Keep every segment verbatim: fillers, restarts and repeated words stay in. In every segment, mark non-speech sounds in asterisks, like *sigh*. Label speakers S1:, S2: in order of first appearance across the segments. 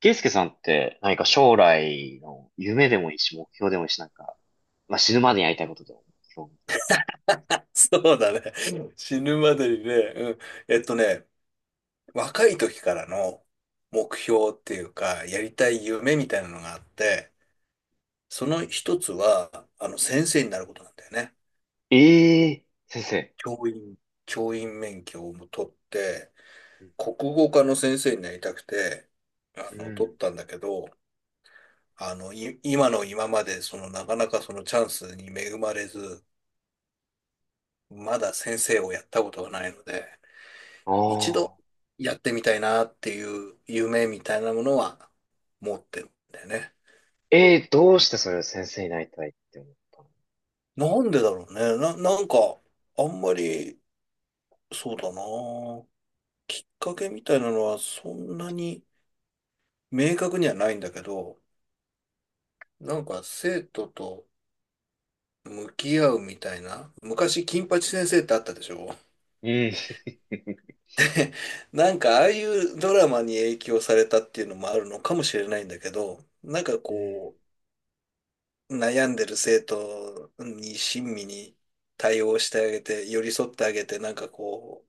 S1: ケイスケさんって何か将来の夢でもいいし、目標でもいいし、なんか、まあ、死ぬまでにやりたいことでも目標。
S2: *laughs* そうだね。うん、死ぬまでにね、うん。えっとね、若い時からの目標っていうか、やりたい夢みたいなのがあって、その一つは、あの、先生になることなんだよね。
S1: ええー先生。
S2: 教員、教員免許をも取って、
S1: うん。
S2: 国語科の先生になりたくて、あ
S1: う
S2: の、取っ
S1: ん
S2: たんだけど、あの、い、今の今まで、その、なかなかそのチャンスに恵まれず、まだ先生をやったことがないので、
S1: あ
S2: 一度
S1: あ。
S2: やってみたいなっていう夢みたいなものは持ってるんだよね。
S1: ええー、どうしてそれを先生になりたいって思ったの？
S2: なんでだろうね。な、なんか、あんまり、そうだな。きっかけみたいなのはそんなに明確にはないんだけど、なんか生徒と向き合うみたいな。昔、金八先生ってあったでしょ。
S1: うん。
S2: なんかああいうドラマに影響されたっていうのもあるのかもしれないんだけど、なんか
S1: うん。
S2: こう、悩んでる生徒に親身に対応してあげて、寄り添ってあげて、なんかこ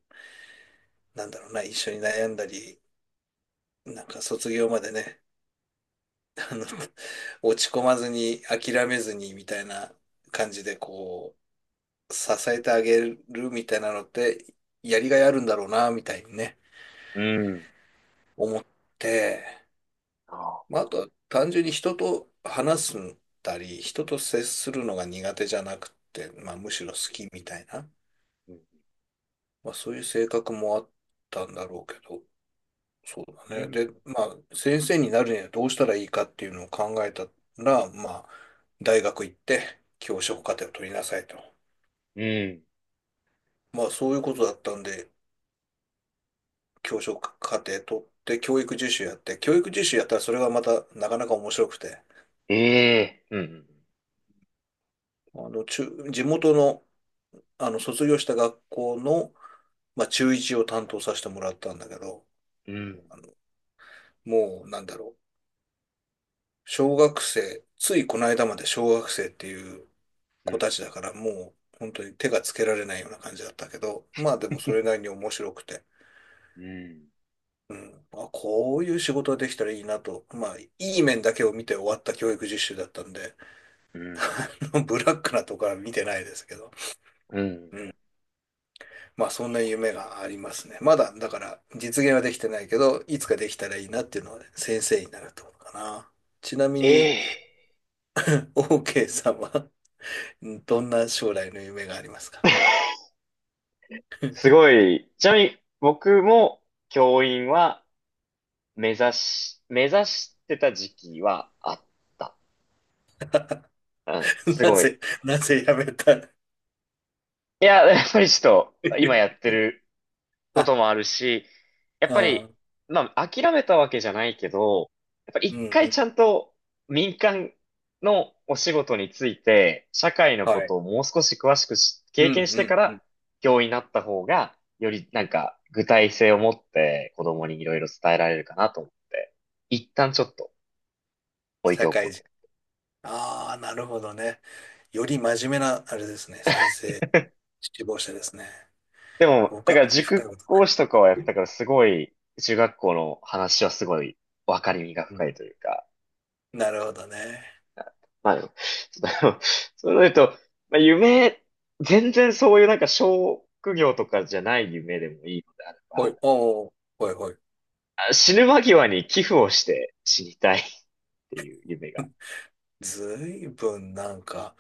S2: う、なんだろうな、一緒に悩んだり、なんか卒業までね、あの、*laughs* 落ち込まずに、諦めずに、みたいな感じで、こう、支えてあげるみたいなのって、やりがいあるんだろうな、みたいにね、
S1: うん。
S2: 思って、
S1: ああ。
S2: まあ、あとは単純に人と話すんだり、人と接するのが苦手じゃなくて、まあ、むしろ好きみたいな。
S1: うん。
S2: まあ、そういう性格もあったんだろうけど、そう
S1: う
S2: だね。
S1: ん。
S2: で、まあ、先生になるにはどうしたらいいかっていうのを考えたら、まあ、大学行って教職課程を取りなさいと。
S1: うん
S2: まあ、そういうことだったんで、教職課程取って教育実習やって、教育実習やったらそれがまたなかなか面白くて、
S1: ええーうん。
S2: あの、中、地元の、あの、卒業した学校の、まあ、中いちを担当させてもらったんだけど、
S1: うん。
S2: もう、なんだろう。小学生、ついこの間まで小学生っていう
S1: う
S2: 子
S1: ん。
S2: たちだからもう本当に手がつけられないような感じだったけど、まあでもそれなりに面白くて、
S1: うん。
S2: うん、まあ、こういう仕事ができたらいいなと、まあいい面だけを見て終わった教育実習だったんで、
S1: うん。
S2: *laughs* あのブラックなところは見てないですけど、
S1: うん。
S2: うん、まあそんな夢がありますね。まだだから実現はできてないけど、いつかできたらいいなっていうのはね、先生になるところかな。ちなみ
S1: え
S2: に、
S1: えー、
S2: *laughs* OK さんは、うん、どんな将来の夢がありますか？
S1: すごい。ちなみに、僕も教員は、目指し、目指してた時期はあった。うん、
S2: *laughs*
S1: す
S2: な
S1: ごい。
S2: ぜ、なぜ辞めた？
S1: いや、やっぱりちょっと、今やっ
S2: *laughs*
S1: てることも
S2: あ、
S1: あるし、やっぱ
S2: ああ、
S1: り、まあ、諦めたわけじゃないけど、やっぱ
S2: う
S1: 一
S2: んう
S1: 回ち
S2: ん。
S1: ゃんと民間のお仕事について、社会の
S2: は
S1: こ
S2: い。
S1: とをもう少し詳しくし
S2: う
S1: 経
S2: ん
S1: 験し
S2: う
S1: てか
S2: んうん。
S1: ら、教員になった方が、よりなんか具体性を持って子供にいろいろ伝えられるかなと思って、一旦ちょっと置いて
S2: 社
S1: おこう
S2: 会
S1: と。
S2: 人。ああ、なるほどね。より真面目な、あれですね。先生、志望者ですね。
S1: でも、
S2: 僕
S1: だ
S2: は
S1: か
S2: あ
S1: ら
S2: まり深い
S1: 塾
S2: ことな
S1: 講
S2: い。
S1: 師とかはやったからすごい、中学校の話はすごい分かりみが
S2: うん、
S1: 深いというか、
S2: なるほどね。
S1: まあでも、ちょっとあのそういうの言うと、まあ夢、全然そういうなんか職業とかじゃない夢でもいいのであれ
S2: ほ
S1: ば、
S2: い、おお、ほいほい。
S1: あ、死ぬ間際に寄付をして死にたいっていう夢が。
S2: ずいぶんなんか、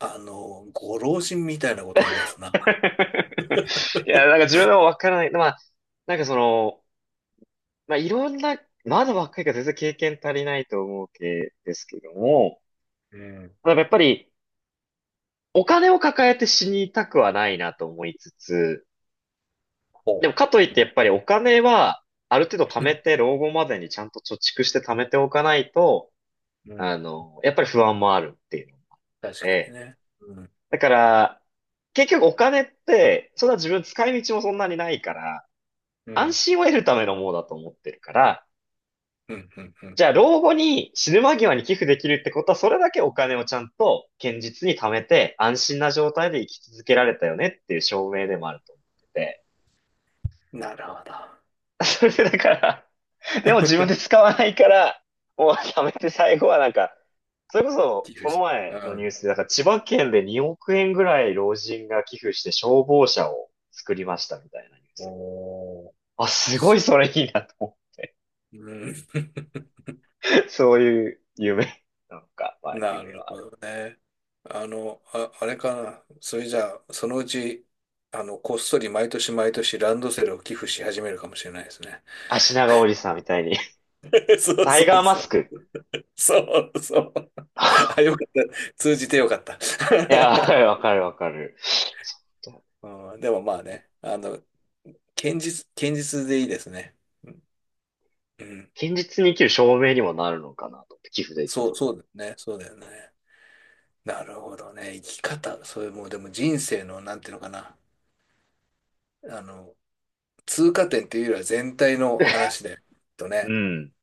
S2: あの、ご老人みたいなこと言いますな。
S1: *laughs* いや、なんか自分でも分からない。まあ、なんかその、まあいろんな、まだ若いから全然経験足りないと思うけですけども、
S2: うん。
S1: まあやっぱり、お金を抱えて死にたくはないなと思いつつ、で
S2: ほ
S1: もかといっ
S2: う。う
S1: てやっぱりお金はある程度貯めて
S2: ん。
S1: 老後までにちゃんと貯蓄して貯めておかないと、
S2: うん。
S1: あの、やっぱり不安もあるっていうの
S2: 確かに
S1: で、
S2: ね。うん。
S1: だから結局お金ってそんな自分使い道もそんなにないから
S2: う
S1: 安
S2: ん。
S1: 心を得るためのものだと思ってるから、
S2: うん。うん。うん、
S1: じゃあ老後に死ぬ間際に寄付できるってことはそれだけお金をちゃんと堅実に貯めて安心な状態で生き続けられたよねっていう証明でもあると思ってて。
S2: なるほど。
S1: *laughs* それでだからでも自分で使わないから、もうやめて最後はなんか、それこそ、
S2: 理不
S1: この
S2: 尽。う
S1: 前のニュ
S2: ん。
S1: ースで、なんか千葉県でにおく円ぐらい老人が寄付して消防車を作りましたみたいなニュースが。
S2: おー。
S1: あ、すご
S2: す、
S1: いそれいいなと思
S2: うん。
S1: う。*laughs* そういう夢なんか、まあ
S2: な
S1: 夢
S2: る
S1: はあ
S2: ほ
S1: る。
S2: どね。あの、あ、あれかな。それじゃあ、そのうち、あの、こっそり毎年毎年ランドセルを寄付し始めるかもしれないですね。
S1: 足長おじさんみたいに。
S2: *laughs* そう
S1: タイ
S2: そ
S1: ガ
S2: う
S1: ーマ
S2: そ
S1: ス
S2: う。
S1: ク。*laughs*
S2: そうそう。あ、よかった。通じてよかった。*laughs*
S1: いや、わかるわかる。そう、
S2: うん、でもまあね、あの、堅実、堅実でいいですね。うん。
S1: 現実に生きる証明にもなるのかなと思って寄付でき
S2: そ
S1: る
S2: う、
S1: ぐら
S2: そう
S1: い。
S2: だよね。そうだよね。なるほどね。生き方、それもうでも人生の、なんていうのかな。あの、通過点っていうよりは全体の話で、と
S1: う
S2: ね。
S1: ん。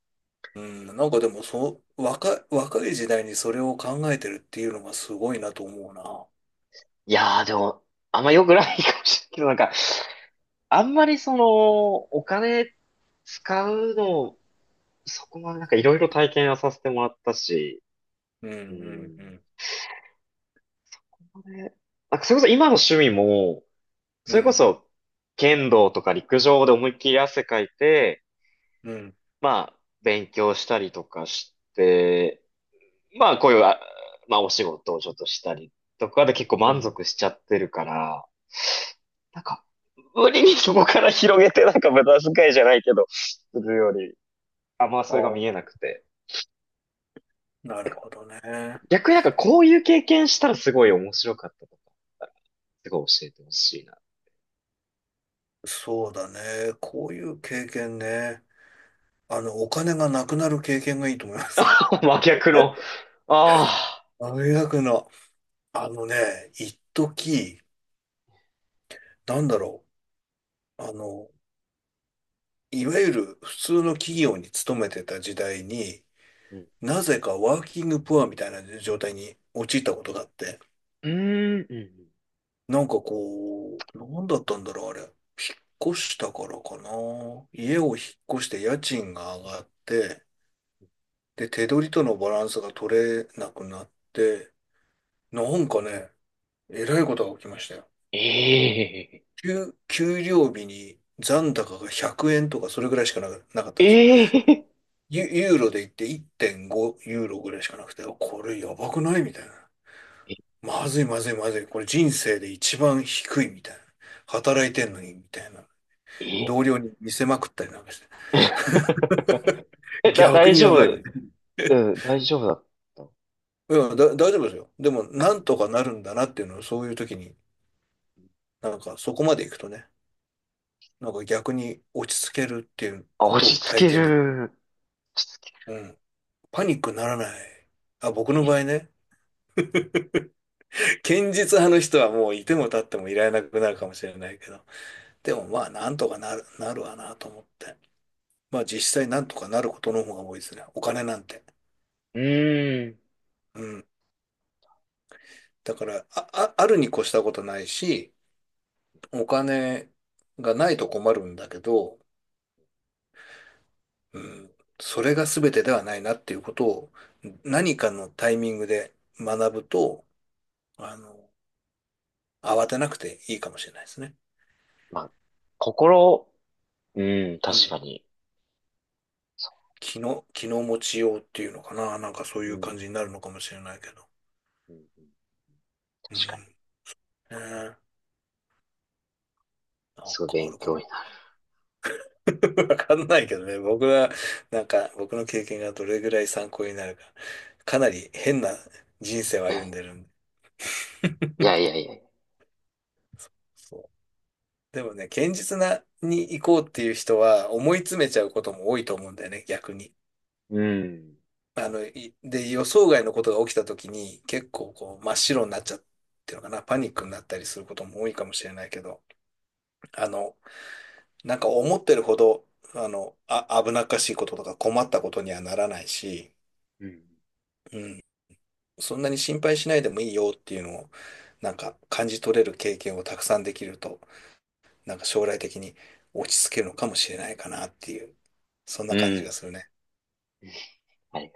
S2: うん、なんかでもそう、若い、若い時代にそれを考えてるっていうのがすごいなと思うな。
S1: いやー、でも、あんま良くないかもしれないけど、なんか、あんまりその、お金使うの、そこまでなんかいろいろ体験はさせてもらったし、
S2: うん、う
S1: う
S2: ん、う
S1: ん。
S2: ん、
S1: これなんかそれこそ今の趣味も、
S2: う
S1: それこ
S2: ん、
S1: そ、剣道とか陸上で思いっきり汗かいて、
S2: うん、
S1: まあ、勉強したりとかして、まあ、こういう、あまあ、お仕事をちょっとしたりとかで結構
S2: う
S1: 満
S2: ん。
S1: 足しちゃってるから、なんか、無理にそこから広げてなんか無駄遣いじゃないけど、するより、あんま
S2: あ
S1: それが
S2: あ、
S1: 見えなくて。
S2: なるほどね。
S1: 逆になんかこういう経験したらすごい面白かったとかあったら、すごい教えてほしいな。
S2: そうだね。こういう経験ね。あの、お金がなくなる経験がいいと思います。
S1: *laughs* 真逆の、
S2: *laughs*
S1: ああ、
S2: 大学の、あのね、一時、なんだろう。あの、いわゆる普通の企業に勤めてた時代に、
S1: うん、
S2: なぜかワーキングプアみたいな状態に陥ったことがあって、
S1: うーん、うん
S2: なんかこう、なんだったんだろう、あれ。引っ越したからかな。家を引っ越して家賃が上がって、で、手取りとのバランスが取れなくなって、なんかね、えらいことが起きましたよ。
S1: ええ、
S2: 給、給料日に残高がひゃくえんとかそれぐらいしかな、なかったんですよ。
S1: ええ、
S2: ユ、ユーロで言っていってんごユーロぐらいしかなくて、これやばくないみたいな。まずいまずいまずい。これ人生で一番低いみたいな。働いてんのにみたいな。
S1: ええ
S2: 同僚に見せまくったりなんかして
S1: *laughs*
S2: *laughs*。
S1: え、だ、
S2: 逆
S1: 大
S2: にや
S1: 丈
S2: ばい
S1: 夫、
S2: みたい
S1: うん、大丈夫だった。
S2: な。いや、だ、大丈夫ですよ。でも、なんとかなるんだなっていうのを、そういう時に、なんか、そこまで行くとね、なんか逆に落ち着けるっていう
S1: あ、
S2: こ
S1: 落
S2: と
S1: ち
S2: を
S1: 着
S2: 体
S1: け
S2: 験できる。
S1: る、落ち着
S2: うん。パニックにならない。あ、僕の
S1: け
S2: 場
S1: る。
S2: 合ね、堅実派の人はもういても立ってもいられなくなるかもしれないけど、でもまあ、なんとかなる、なるわなと思って。まあ、実際なんとかなることの方が多いですね。お金なんて。
S1: えうーん、
S2: うん。だから、あ、あ、あるに越したことないし、お金がないと困るんだけど、うん、それが全てではないなっていうことを何かのタイミングで学ぶと、あの、慌てなくていいかもしれないですね。
S1: まあ、心、うん、
S2: う
S1: 確
S2: ん。
S1: かに。そ
S2: 気の、気の持ちようっていうのかな。なんかそう
S1: う
S2: い
S1: う
S2: う感
S1: ん
S2: じになるのかもしれないけど。
S1: うんうん
S2: うん。ね
S1: 確かに。
S2: え、なん
S1: すごい
S2: かあ
S1: 勉
S2: るか
S1: 強
S2: な。
S1: にな
S2: *laughs* わかんないけどね。僕は、なんか僕の経験がどれぐらい参考になるか。かなり変な人生を歩んで
S1: る。
S2: るんで。
S1: いやいやいやいやいや。
S2: そう、でもね、堅実なに行こうっていう人は思い詰めちゃうことも多いと思うんだよね、逆に。
S1: うん。
S2: あの、いで、予想外のことが起きた時に結構こう真っ白になっちゃうっていうのかな、パニックになったりすることも多いかもしれないけど、あの、なんか思ってるほど、あの、あ、危なっかしいこととか困ったことにはならないし、
S1: うん。
S2: うん、そんなに心配しないでもいいよっていうのを、なんか感じ取れる経験をたくさんできるとなんか将来的に落ち着けるのかもしれないかなっていう、そんな
S1: う
S2: 感じが
S1: ん。
S2: するね。
S1: はい。